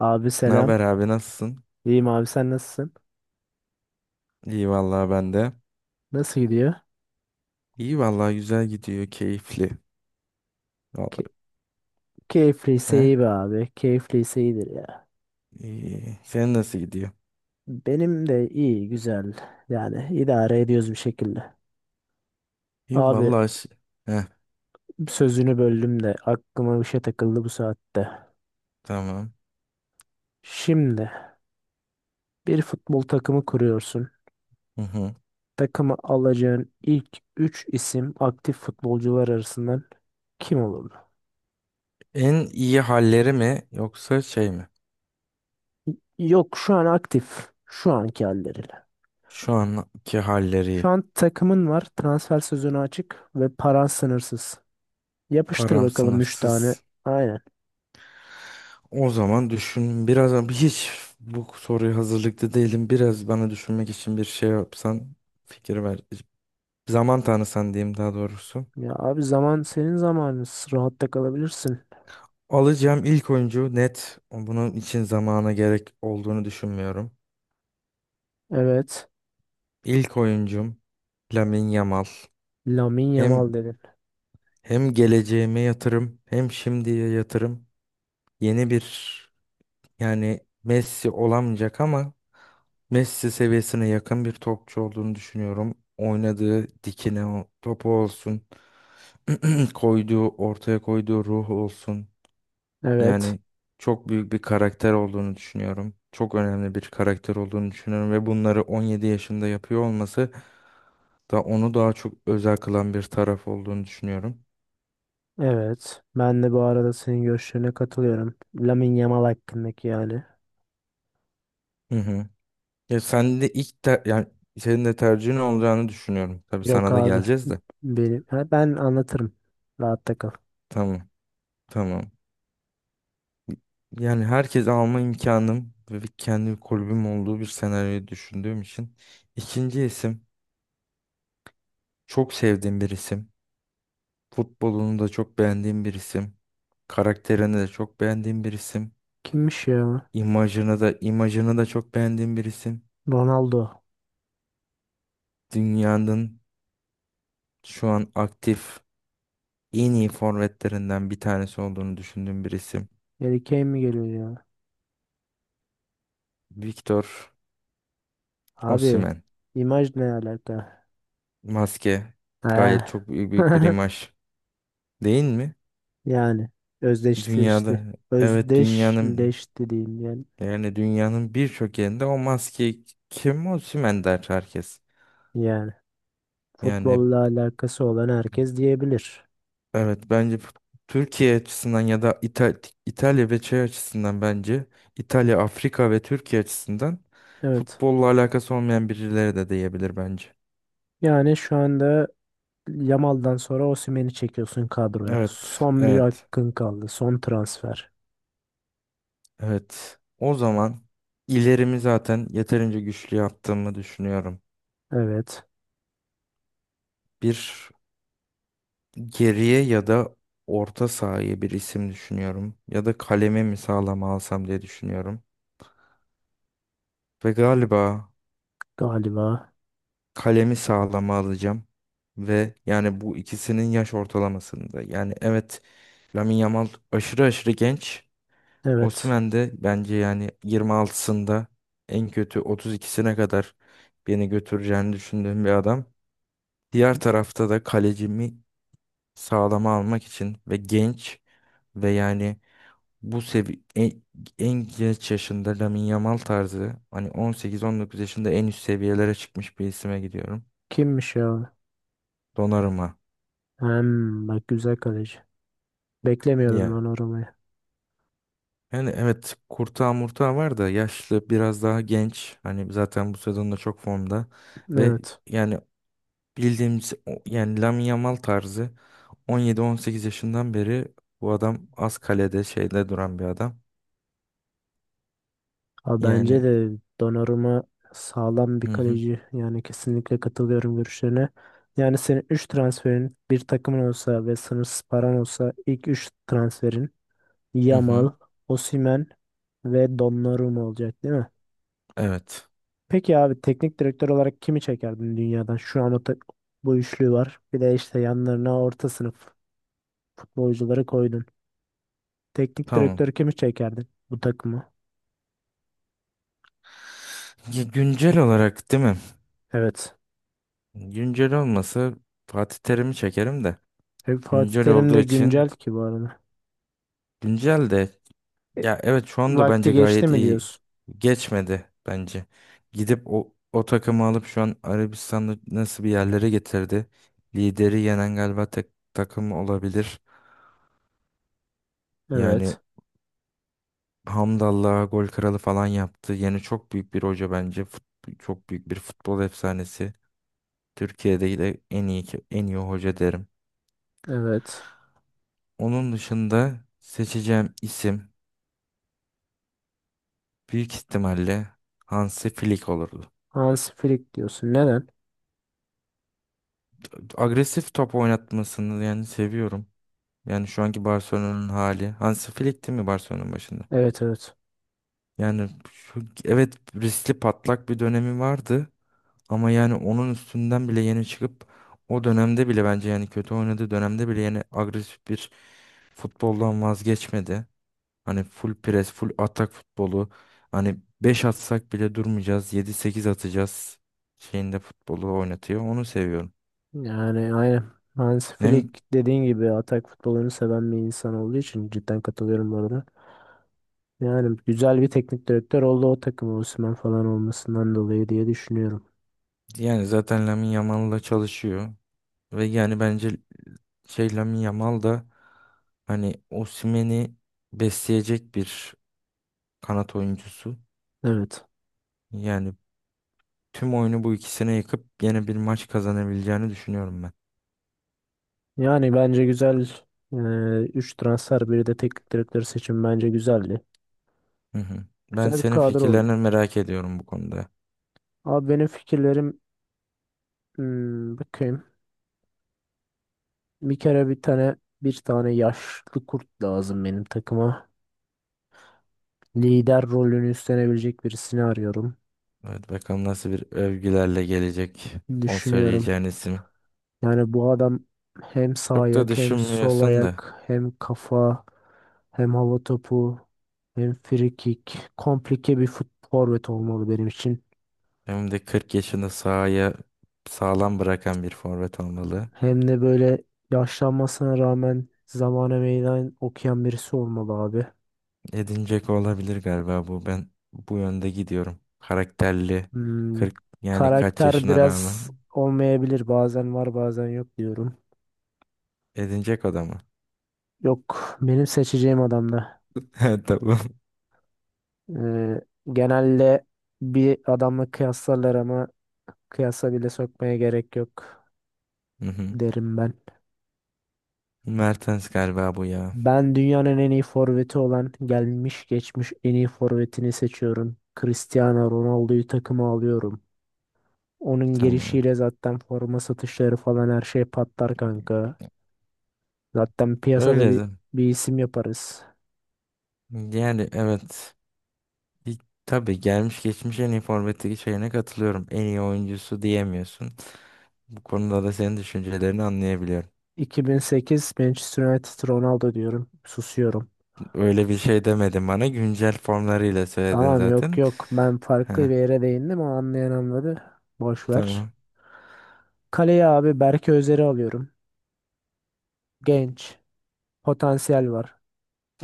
Abi Ne selam. haber abi, nasılsın? İyiyim abi sen nasılsın? İyi vallahi, ben de. Nasıl gidiyor? İyi vallahi, güzel gidiyor, keyifli. Ke- Vallahi. Keyifliyse He? iyi be abi. Keyifliyse iyidir ya. İyi. Senin nasıl gidiyor? Benim de iyi güzel. Yani idare ediyoruz bir şekilde. İyi Abi vallahi. Heh, sözünü böldüm de aklıma bir şey takıldı bu saatte. tamam. Şimdi bir futbol takımı kuruyorsun. Hı hı. Takıma alacağın ilk 3 isim aktif futbolcular arasından kim olurdu? En iyi halleri mi yoksa şey mi? Yok şu an aktif. Şu anki halleriyle. Şu anki halleri. Şu an takımın var. Transfer sezonu açık ve paran sınırsız. Yapıştır Param bakalım 3 tane. sınırsız. Aynen. O zaman düşün biraz, ama hiç bu soruya hazırlıklı değilim. Biraz bana düşünmek için bir şey yapsan fikir ver. Zaman tanısan diyeyim, daha doğrusu. Ya abi zaman senin zamanın. Rahatta kalabilirsin. Alacağım ilk oyuncu net. Bunun için zamana gerek olduğunu düşünmüyorum. Evet. İlk oyuncum Lamine Yamal. Lamine Yamal Hem dedin. hem geleceğime yatırım, hem şimdiye yatırım. Yeni bir, yani Messi olamayacak ama Messi seviyesine yakın bir topçu olduğunu düşünüyorum. Oynadığı dikine o topu olsun, ortaya koyduğu ruhu olsun. Evet. Yani çok büyük bir karakter olduğunu düşünüyorum. Çok önemli bir karakter olduğunu düşünüyorum ve bunları 17 yaşında yapıyor olması da onu daha çok özel kılan bir taraf olduğunu düşünüyorum. Evet. Ben de bu arada senin görüşlerine katılıyorum. Lamine Yamal hakkındaki yani. Hı hı. Ya sen de yani senin de tercihin olacağını düşünüyorum. Tabii Yok sana da abi. geleceğiz de. Benim. Ha, ben anlatırım. Rahatta kal. Tamam. Tamam. Yani herkes alma imkanım ve bir kendi kulübüm olduğu bir senaryoyu düşündüğüm için. İkinci isim çok sevdiğim bir isim. Futbolunu da çok beğendiğim bir isim. Karakterini de çok beğendiğim bir isim. Kimmiş ya? İmajını da çok beğendiğim bir isim. Ronaldo. Dünyanın şu an aktif en iyi forvetlerinden bir tanesi olduğunu düşündüğüm bir isim. Harry Kane mi geliyor ya? Victor Abi, Osimhen. imaj ne alaka? Maske He. gayet çok büyük, büyük bir imaj, değil mi? Yani özdeşleşti. Dünyada evet, dünyanın Özdeşleşti diyeyim yani. yani dünyanın birçok yerinde o maske, kim Osimhen der herkes. Yani Yani futbolla alakası olan herkes diyebilir. evet, bence Türkiye açısından ya da İtalya ve şey açısından bence İtalya, Afrika ve Türkiye açısından Evet. futbolla alakası olmayan birileri de diyebilir bence. Yani şu anda Yamal'dan sonra Osimhen'i çekiyorsun kadroya. Evet, Son bir evet, hakkın kaldı. Son transfer. evet. O zaman ilerimi zaten yeterince güçlü yaptığımı düşünüyorum. Evet. Bir geriye ya da orta sahaya bir isim düşünüyorum. Ya da kalemi mi sağlam alsam diye düşünüyorum. Ve galiba Galiba. kalemi sağlama alacağım. Ve yani bu ikisinin yaş ortalamasında. Yani evet, Lamine Yamal aşırı aşırı genç. Evet. Osimhen de bence yani 26'sında en kötü 32'sine kadar beni götüreceğini düşündüğüm bir adam. Diğer tarafta da kalecimi sağlama almak için ve genç ve yani bu sevi en genç yaşında, Lamine Yamal tarzı, hani 18-19 yaşında en üst seviyelere çıkmış bir isime gidiyorum. Kimmiş ya? Donnarumma. Hem bak güzel kaleci. Beklemiyordum Ya. ben orayı. Yani evet, Kurtağı Murtağı var da yaşlı, biraz daha genç. Hani zaten bu sezonda çok formda. Ve Evet. yani bildiğimiz yani Lamine Yamal tarzı 17-18 yaşından beri bu adam az kalede şeyde duran bir adam. Abi bence Yani, de Donnarumma sağlam bir hı hı, kaleci. Yani kesinlikle katılıyorum görüşlerine. Yani senin 3 transferin bir takımın olsa ve sınırsız paran olsa ilk 3 transferin hı hı, Yamal, Osimhen ve Donnarumma olacak değil mi? evet, Peki abi teknik direktör olarak kimi çekerdin dünyadan? Şu an bu üçlü var. Bir de işte yanlarına orta sınıf futbolcuları koydun. Teknik tamam. direktör kimi çekerdin bu takımı? Ya, güncel olarak değil mi? Evet. Güncel olmasa Fatih Terim'i çekerim de. E, Fatih Güncel Terim olduğu de güncel için, ki bu arada. güncel de. Ya evet, şu anda Vakti bence geçti gayet mi iyi. diyorsun? Geçmedi bence. Gidip o takımı alıp şu an Arabistan'ı nasıl bir yerlere getirdi. Lideri yenen galiba tek takım olabilir. Yani Evet. Hamdallah'a gol kralı falan yaptı. Yani çok büyük bir hoca bence. Çok büyük bir futbol efsanesi. Türkiye'de de en iyi hoca derim. Evet. Onun dışında seçeceğim isim büyük ihtimalle Hansi Flick olurdu. Hans Flick diyorsun. Neden? Agresif top oynatmasını yani seviyorum. Yani şu anki Barcelona'nın hali. Hansi Flick değil mi Barcelona'nın başında? Evet, evet. Yani evet, riskli patlak bir dönemi vardı. Ama yani onun üstünden bile yeni çıkıp, o dönemde bile, bence yani kötü oynadığı dönemde bile, yani agresif bir futboldan vazgeçmedi. Hani full pres, full atak futbolu. Hani 5 atsak bile durmayacağız, yedi sekiz atacağız şeyinde futbolu oynatıyor. Onu seviyorum. Yani aynen. Hans Hem Flick dediğin gibi atak futbolunu seven bir insan olduğu için cidden katılıyorum bu arada. Yani güzel bir teknik direktör oldu o takım Osimhen falan olmasından dolayı diye düşünüyorum. yani zaten Lamine Yamal'la çalışıyor. Ve yani bence şey Lamine Yamal da hani Osimhen'i besleyecek bir kanat oyuncusu. Evet. Yani tüm oyunu bu ikisine yıkıp yine bir maç kazanabileceğini düşünüyorum ben. Yani bence güzel 3 transfer biri de teknik direktör seçim bence güzeldi. Hı hı. Ben Güzel bir senin kadro fikirlerini oldu. merak ediyorum bu konuda. Abi benim fikirlerim hmm, bakayım. Bir kere bir tane yaşlı kurt lazım benim takıma. Lider rolünü üstlenebilecek birisini arıyorum. Evet, bakalım nasıl bir övgülerle gelecek o Düşünüyorum. söyleyeceğin isim. Yani bu adam hem sağ Çok da ayak hem sol düşünmüyorsun da. ayak hem kafa hem hava topu hem free kick. Komplike bir forvet olmalı benim için. Hem de 40 yaşında sahaya sağlam bırakan bir forvet olmalı. Hem de böyle yaşlanmasına rağmen zamana meydan okuyan birisi olmalı abi. Edin olabilir galiba bu. Ben bu yönde gidiyorum. Karakterli. Hmm, 40, yani kaç karakter yaşına biraz rağmen. olmayabilir. Bazen var bazen yok diyorum. Edin Dzeko da mı? Yok benim seçeceğim adamla. Ha, tamam. Ee, Genelde bir adamla kıyaslarlar ama kıyasa bile sokmaya gerek yok Hı hı. derim ben. Mertens galiba bu ya. Ben dünyanın en iyi forveti olan gelmiş geçmiş en iyi forvetini seçiyorum. Cristiano Ronaldo'yu takıma alıyorum. Onun Tamam. gelişiyle zaten forma satışları falan her şey patlar kanka. Zaten piyasada Öyle bir, de. bir isim yaparız. Yani evet. Bir, tabii gelmiş geçmiş en iyi forvetteki şeyine katılıyorum. En iyi oyuncusu diyemiyorsun. Bu konuda da senin düşüncelerini anlayabiliyorum. 2008 Manchester United Ronaldo diyorum. Susuyorum. Öyle bir şey demedim bana. Güncel formlarıyla söyledin Tamam yok zaten. yok ben farklı bir Ha, yere değindim o anlayan anladı. Boş ver. tamam. Kaleye abi Berke Özer'i alıyorum. Genç. Potansiyel var.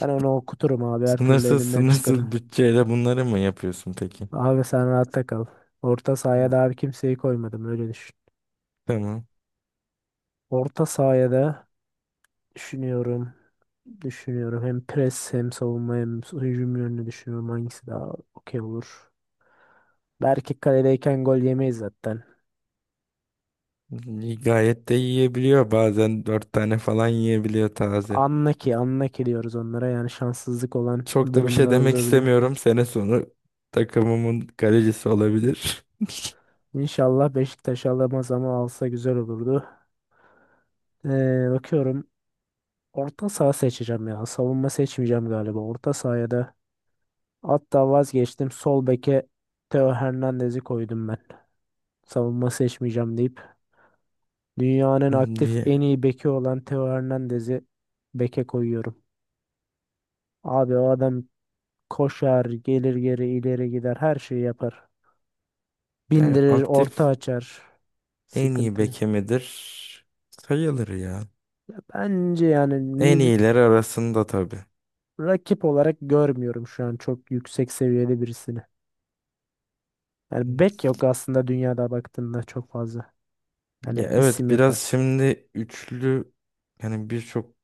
Ben onu okuturum abi her türlü Sınırsız elinden çıkarım. sınırsız bütçeyle bunları mı yapıyorsun peki? Abi sen rahatta kal. Orta sahaya da abi kimseyi koymadım öyle düşün. Tamam. Orta sahaya da düşünüyorum. Düşünüyorum hem pres hem savunma hem hücum yönünü düşünüyorum hangisi daha okey olur. Berke kaledeyken gol yemeyiz zaten. İyi, gayet de yiyebiliyor. Bazen dört tane falan yiyebiliyor taze. Anlaki, anlaki diyoruz onlara. Yani şanssızlık olan Çok da bir şey durumlar demek olabiliyor. istemiyorum. Sene sonu takımımın kalecisi olabilir. İnşallah Beşiktaş alamaz ama alsa güzel olurdu. Bakıyorum. Orta saha seçeceğim ya. Savunma seçmeyeceğim galiba. Orta sahaya da hatta vazgeçtim. Sol beke Theo Hernandez'i koydum ben. Savunma seçmeyeceğim deyip dünyanın aktif en Bir- iyi beki olan Theo Hernandez'i beke koyuyorum. Abi o adam koşar, gelir geri ileri gider, her şeyi yapar. Yani Bindirir, orta aktif açar. en iyi Sıkıntı. beke midir? Sayılır ya. Bence yani En mid iyiler arasında tabii. rakip olarak görmüyorum şu an çok yüksek seviyede birisini. Yani bek yok aslında dünyada baktığında çok fazla, yani Ya isim evet, biraz yapan. şimdi üçlü, yani birçok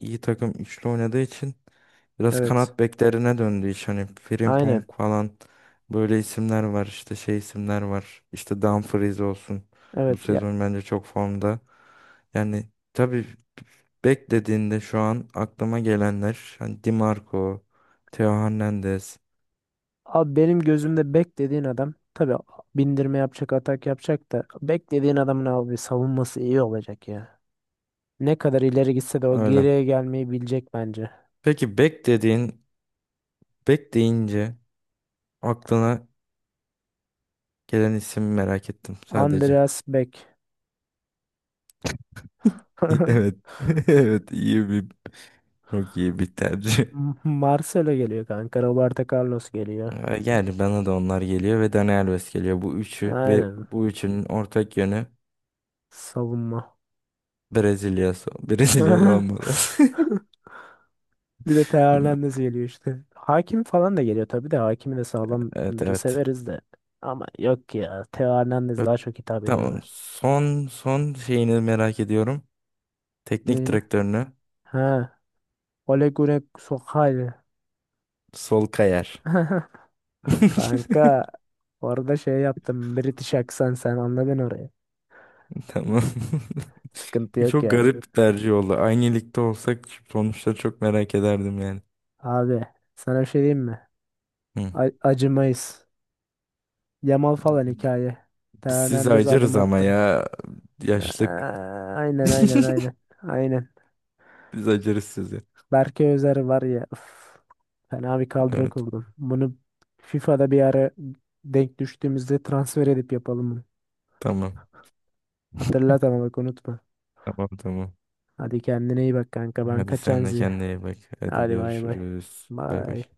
iyi takım üçlü oynadığı için biraz Evet. kanat beklerine döndü iş. Hani Frimpong Aynen. falan böyle isimler var, işte şey isimler var. İşte Dumfries olsun. Bu Evet. Ya, sezon bence çok formda. Yani tabii beklediğinde şu an aklıma gelenler hani Di Marco, Theo Hernandez, abi benim gözümde bek dediğin adam tabii bindirme yapacak, atak yapacak da bek dediğin adamın abi savunması iyi olacak ya. Ne kadar ileri gitse de o öyle. geriye gelmeyi bilecek bence. Peki bek deyince aklına gelen isim merak ettim sadece. Andreas Beck. Evet. Evet, iyi bir çok iyi bir tercih. Marcelo geliyor kanka. Roberto Carlos geliyor. Yani bana da onlar geliyor ve Dani Alves geliyor. Bu üçü ve Aynen. bu üçünün ortak yönü Savunma. Brezilya. Brezilya olmalı. Bir de Teo Hernandez geliyor işte. Hakim falan da geliyor tabii de hakimi de Evet, sağlamları evet. severiz de. Ama yok ya Teo Hernandez Ö- daha çok hitap ediyor Tamam. bana. Son şeyini merak ediyorum. Teknik Değil mi? direktörünü. Ha. Ole Gunnar Solskjaer. Sol Kayer. Kanka orada şey yaptım British aksan sen anladın orayı. Tamam. Sıkıntı yok Çok yani. garip bir tercih oldu. Aynı ligde olsak sonuçları çok merak ederdim yani. Abi sana bir şey diyeyim mi? Hı. Acımayız. Yamal falan hikaye. Teo Siz Hernandez adım acırız ama attır. ya, yaşlık. Aa, aynen aynen aynen. Aynen. Biz acırız sizi. Berke Özer var ya. Üf, fena bir kadro Evet. kurdum. Bunu FIFA'da bir ara denk düştüğümüzde transfer edip yapalım bunu. Tamam. Hatırlat ama bak unutma. Tamam, tamam. Hadi kendine iyi bak kanka. Ben Hadi kaçan sen de Zi. kendine iyi bak. Hadi Hadi bay bay. görüşürüz. Bay bay. Bay.